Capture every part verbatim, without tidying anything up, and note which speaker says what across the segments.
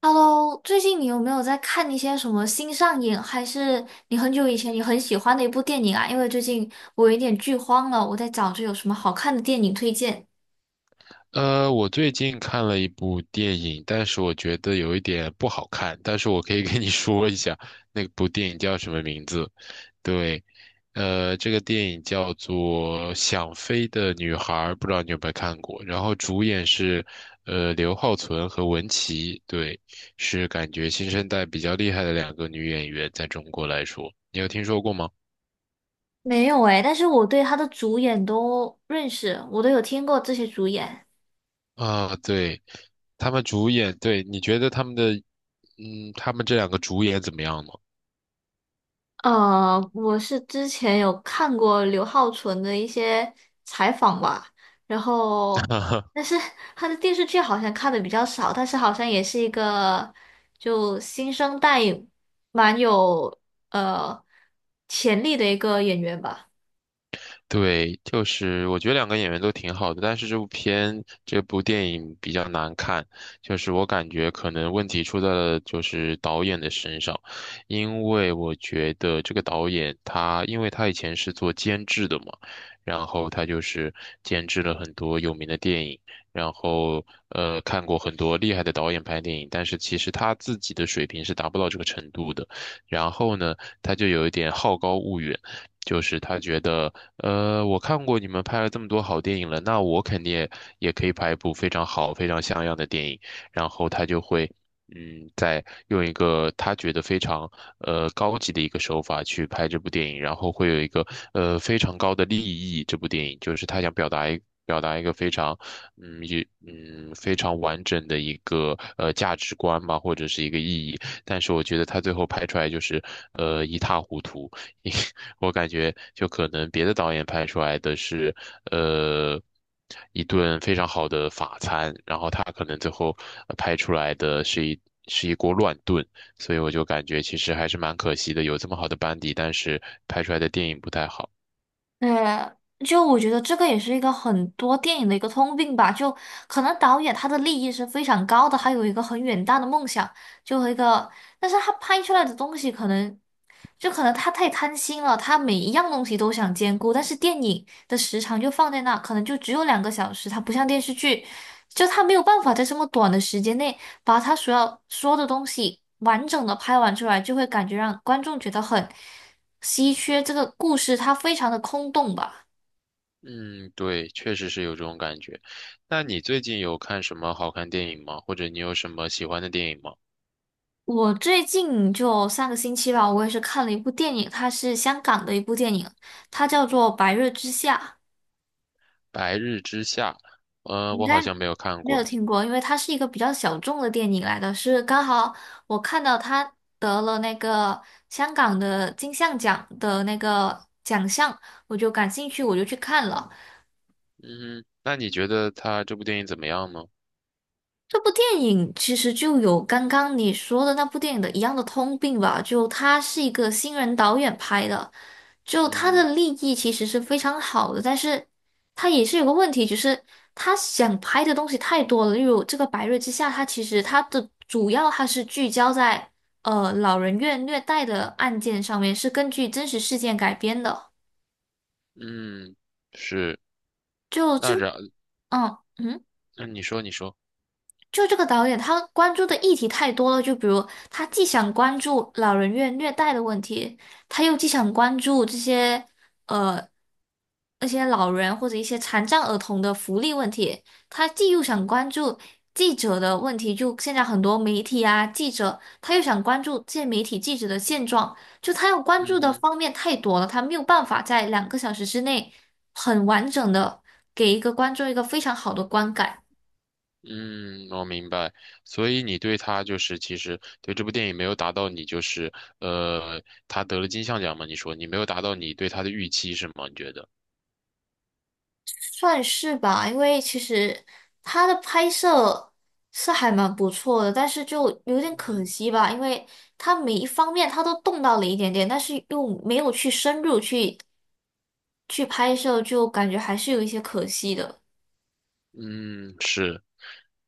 Speaker 1: Hello，最近你有没有在看一些什么新上映，还是你很久以前你很喜欢的一部电影啊？因为最近我有点剧荒了，我在找着有什么好看的电影推荐。
Speaker 2: 呃，我最近看了一部电影，但是我觉得有一点不好看，但是我可以 跟你说一下，那部电影叫什么名字？对。呃，这个电影叫做《想飞的女孩》，不知道你有没有看过？然后主演是，呃，刘浩存和文淇，对，是感觉新生代比较厉害的两个女演员，在中国来说，你有听说过吗？
Speaker 1: 没有诶，但是我对他的主演都认识，我都有听过这些主演。
Speaker 2: 啊，对，他们主演，对，你觉得他们的，嗯，他们这两个主演怎么样呢？
Speaker 1: 呃，我是之前有看过刘浩存的一些采访吧，然后，但是他的电视剧好像看的比较少，但是好像也是一个就新生代蛮有呃潜力的一个演员吧。
Speaker 2: 对，就是我觉得两个演员都挺好的，但是这部片这部电影比较难看，就是我感觉可能问题出在了就是导演的身上，因为我觉得这个导演他，因为他以前是做监制的嘛，然后他就是监制了很多有名的电影，然后呃看过很多厉害的导演拍电影，但是其实他自己的水平是达不到这个程度的，然后呢，他就有一点好高骛远。就是他觉得，呃，我看过你们拍了这么多好电影了，那我肯定也也可以拍一部非常好、非常像样的电影。然后他就会，嗯，在用一个他觉得非常呃高级的一个手法去拍这部电影，然后会有一个呃非常高的利益。这部电影就是他想表达一表达一个非常，嗯，也嗯非常完整的一个呃价值观吧，或者是一个意义。但是我觉得他最后拍出来就是呃一塌糊涂。我感觉就可能别的导演拍出来的是，呃，一顿非常好的法餐，然后他可能最后呃拍出来的是一是一锅乱炖，所以我就感觉其实还是蛮可惜的，有这么好的班底，但是拍出来的电影不太好。
Speaker 1: 呃，就我觉得这个也是一个很多电影的一个通病吧，就可能导演他的利益是非常高的，他有一个很远大的梦想，就和一个，但是他拍出来的东西可能，就可能他太贪心了，他每一样东西都想兼顾，但是电影的时长就放在那，可能就只有两个小时，它不像电视剧，就他没有办法在这么短的时间内把他所要说的东西完整的拍完出来，就会感觉让观众觉得很。稀缺这个故事它非常的空洞吧。
Speaker 2: 嗯，对，确实是有这种感觉。那你最近有看什么好看电影吗？或者你有什么喜欢的电影吗？
Speaker 1: 我最近就上个星期吧，我也是看了一部电影，它是香港的一部电影，它叫做《白日之下》，
Speaker 2: 《白日之下》，呃，
Speaker 1: 你应
Speaker 2: 我好
Speaker 1: 该
Speaker 2: 像没有看
Speaker 1: 没
Speaker 2: 过
Speaker 1: 有
Speaker 2: 诶。
Speaker 1: 听过，因为它是一个比较小众的电影来的，是刚好我看到它得了那个香港的金像奖的那个奖项，我就感兴趣，我就去看了。
Speaker 2: 嗯，那你觉得他这部电影怎么样呢？
Speaker 1: 这部电影其实就有刚刚你说的那部电影的一样的通病吧，就他是一个新人导演拍的，就
Speaker 2: 嗯
Speaker 1: 他
Speaker 2: 哼。
Speaker 1: 的立意其实是非常好的，但是他也是有个问题，就是他想拍的东西太多了，例如这个《白日之下》，它其实它的主要它是聚焦在呃老人院虐待的案件上面，是根据真实事件改编的，
Speaker 2: 嗯，是。
Speaker 1: 就这
Speaker 2: 那
Speaker 1: 个，
Speaker 2: 然，
Speaker 1: 嗯嗯。
Speaker 2: 那你说，你说，
Speaker 1: 就这个导演，他关注的议题太多了。就比如，他既想关注老人院虐待的问题，他又既想关注这些呃那些老人或者一些残障儿童的福利问题，他既又想关注记者的问题，就现在很多媒体啊记者，他又想关注这些媒体记者的现状，就他要关注
Speaker 2: 嗯
Speaker 1: 的
Speaker 2: 哼。
Speaker 1: 方面太多了，他没有办法在两个小时之内很完整的给一个观众一个非常好的观感。
Speaker 2: 嗯，我明白。所以你对他就是，其实对这部电影没有达到你就是，呃，他得了金像奖嘛？你说你没有达到你对他的预期是吗？你觉得？
Speaker 1: 算是吧，因为其实它的拍摄是还蛮不错的，但是就有点可
Speaker 2: 嗯
Speaker 1: 惜吧，因为它每一方面它都动到了一点点，但是又没有去深入去去拍摄，就感觉还是有一些可惜的。
Speaker 2: 嗯，是。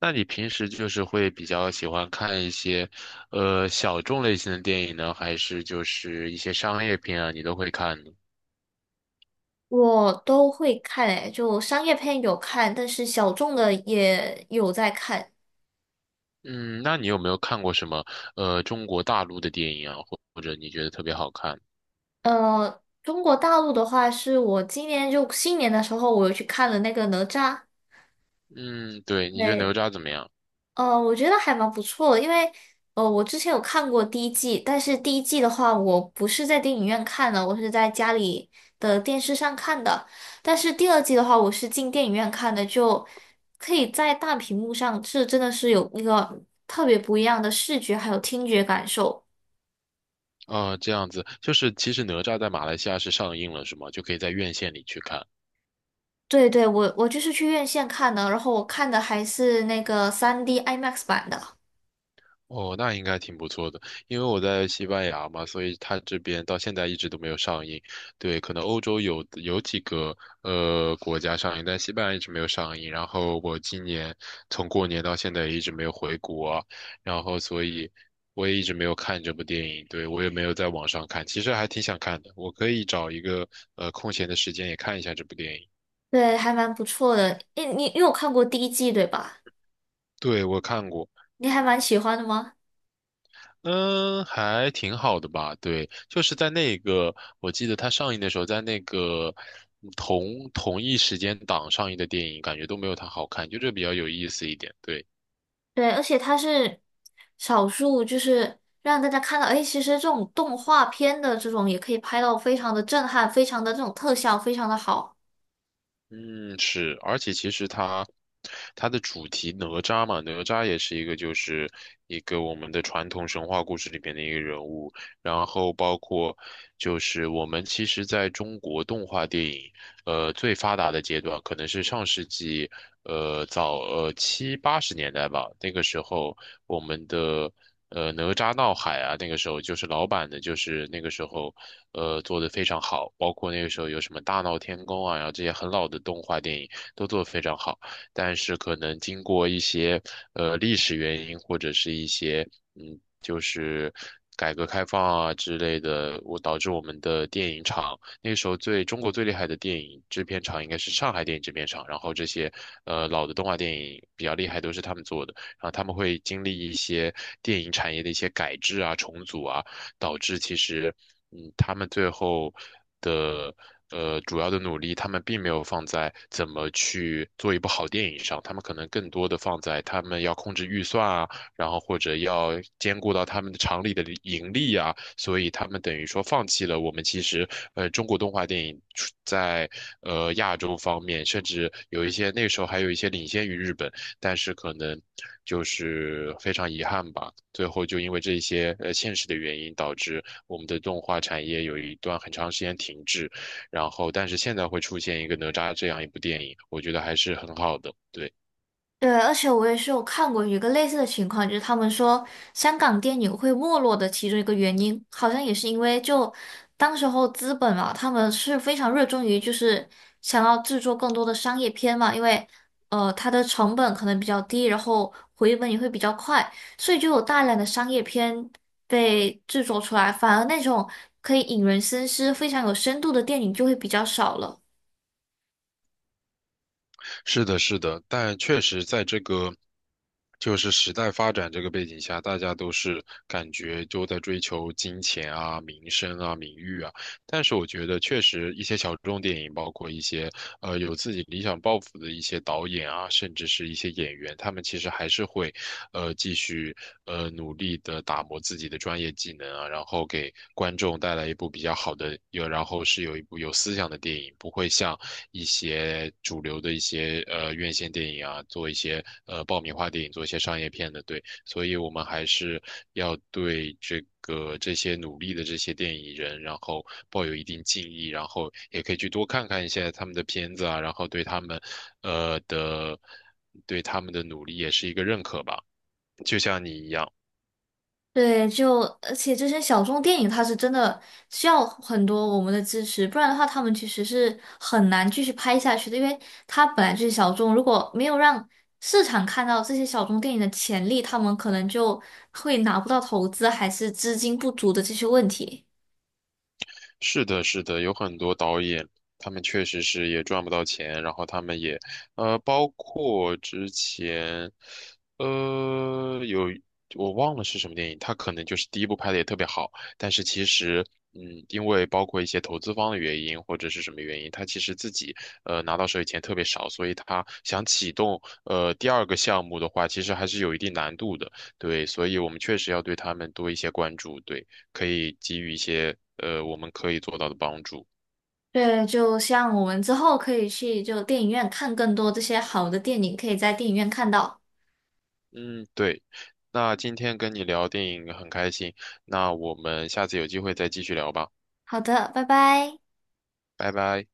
Speaker 2: 那你平时就是会比较喜欢看一些，呃，小众类型的电影呢，还是就是一些商业片啊，你都会看呢？
Speaker 1: 我都会看诶，就商业片有看，但是小众的也有在看。
Speaker 2: 嗯，那你有没有看过什么呃中国大陆的电影啊，或或者你觉得特别好看？
Speaker 1: 呃，中国大陆的话，是我今年就新年的时候，我有去看了那个哪吒。
Speaker 2: 嗯，对，你觉得哪
Speaker 1: 对
Speaker 2: 吒怎么样？
Speaker 1: 呃，我觉得还蛮不错的，因为呃，我之前有看过第一季，但是第一季的话，我不是在电影院看的，我是在家里的电视上看的。但是第二季的话，我是进电影院看的，就可以在大屏幕上，这真的是有一个特别不一样的视觉还有听觉感受。
Speaker 2: 啊、这样子，就是其实哪吒在马来西亚是上映了，是吗？就可以在院线里去看。
Speaker 1: 对对，我我就是去院线看的，然后我看的还是那个三 d I MAX 版的，
Speaker 2: 哦，那应该挺不错的，因为我在西班牙嘛，所以它这边到现在一直都没有上映。对，可能欧洲有有几个呃国家上映，但西班牙一直没有上映。然后我今年从过年到现在也一直没有回国啊，然后所以我也一直没有看这部电影。对，我也没有在网上看，其实还挺想看的，我可以找一个呃空闲的时间也看一下这部电影。
Speaker 1: 对，还蛮不错的。诶，你你有看过第一季对吧？
Speaker 2: 对，我看过。
Speaker 1: 你还蛮喜欢的吗？
Speaker 2: 嗯，还挺好的吧？对，就是在那个，我记得它上映的时候，在那个嗯同同一时间档上映的电影，感觉都没有它好看，就这比较有意思一点。对。
Speaker 1: 对，而且它是少数，就是让大家看到，哎，其实这种动画片的这种也可以拍到非常的震撼，非常的这种特效非常的好。
Speaker 2: 嗯，是，而且其实它它的主题哪吒嘛，哪吒也是一个就是一个我们的传统神话故事里面的一个人物，然后包括就是我们其实在中国动画电影呃最发达的阶段，可能是上世纪呃早呃七八十年代吧，那个时候我们的。呃，哪吒闹海啊，那个时候就是老版的，就是那个时候，呃，做的非常好，包括那个时候有什么大闹天宫啊，然后这些很老的动画电影都做得非常好，但是可能经过一些呃历史原因或者是一些嗯，就是改革开放啊之类的，我导致我们的电影厂那个时候最中国最厉害的电影制片厂应该是上海电影制片厂，然后这些呃老的动画电影比较厉害都是他们做的。然后他们会经历一些电影产业的一些改制啊、重组啊，导致其实，嗯，他们最后的呃主要的努力，他们并没有放在怎么去做一部好电影上，他们可能更多的放在他们要控制预算啊，然后或者要兼顾到他们的厂里的利盈利啊，所以他们等于说放弃了我们其实呃中国动画电影出在呃亚洲方面，甚至有一些那时候还有一些领先于日本，但是可能就是非常遗憾吧，最后就因为这一些呃现实的原因，导致我们的动画产业有一段很长时间停滞，然后但是现在会出现一个哪吒这样一部电影，我觉得还是很好的，对。
Speaker 1: 对，而且我也是有看过一个类似的情况，就是他们说香港电影会没落的其中一个原因，好像也是因为就当时候资本嘛，他们是非常热衷于就是想要制作更多的商业片嘛，因为呃它的成本可能比较低，然后回本也会比较快，所以就有大量的商业片被制作出来，反而那种可以引人深思、非常有深度的电影就会比较少了。
Speaker 2: 是的，是的，但确实在这个就是时代发展这个背景下，大家都是感觉都在追求金钱啊、名声啊、名誉啊。但是我觉得，确实一些小众电影，包括一些呃有自己理想抱负的一些导演啊，甚至是一些演员，他们其实还是会呃继续呃努力的打磨自己的专业技能啊，然后给观众带来一部比较好的，有然后是有一部有思想的电影，不会像。一些主流的一些呃院线电影啊，做一些呃爆米花电影，做一些商业片的，对，所以我们还是要对这个这些努力的这些电影人，然后抱有一定敬意，然后也可以去多看看一些他们的片子啊，然后对他们呃的对他们的努力也是一个认可吧，就像你一样。
Speaker 1: 对，就而且这些小众电影，它是真的需要很多我们的支持，不然的话，他们其实是很难继续拍下去的，因为它本来就是小众，如果没有让市场看到这些小众电影的潜力，他们可能就会拿不到投资，还是资金不足的这些问题。
Speaker 2: 是的，是的，有很多导演，他们确实是也赚不到钱，然后他们也，呃，包括之前，呃，有我忘了是什么电影，他可能就是第一部拍的也特别好，但是其实，嗯，因为包括一些投资方的原因或者是什么原因，他其实自己呃拿到手里钱特别少，所以他想启动呃第二个项目的话，其实还是有一定难度的，对，所以我们确实要对他们多一些关注，对。可以给予一些呃我们可以做到的帮助。
Speaker 1: 对，就像我们之后可以去就电影院看更多这些好的电影，可以在电影院看到。
Speaker 2: 嗯，对。那今天跟你聊电影很开心，那我们下次有机会再继续聊吧，
Speaker 1: 好的，拜拜。
Speaker 2: 拜拜。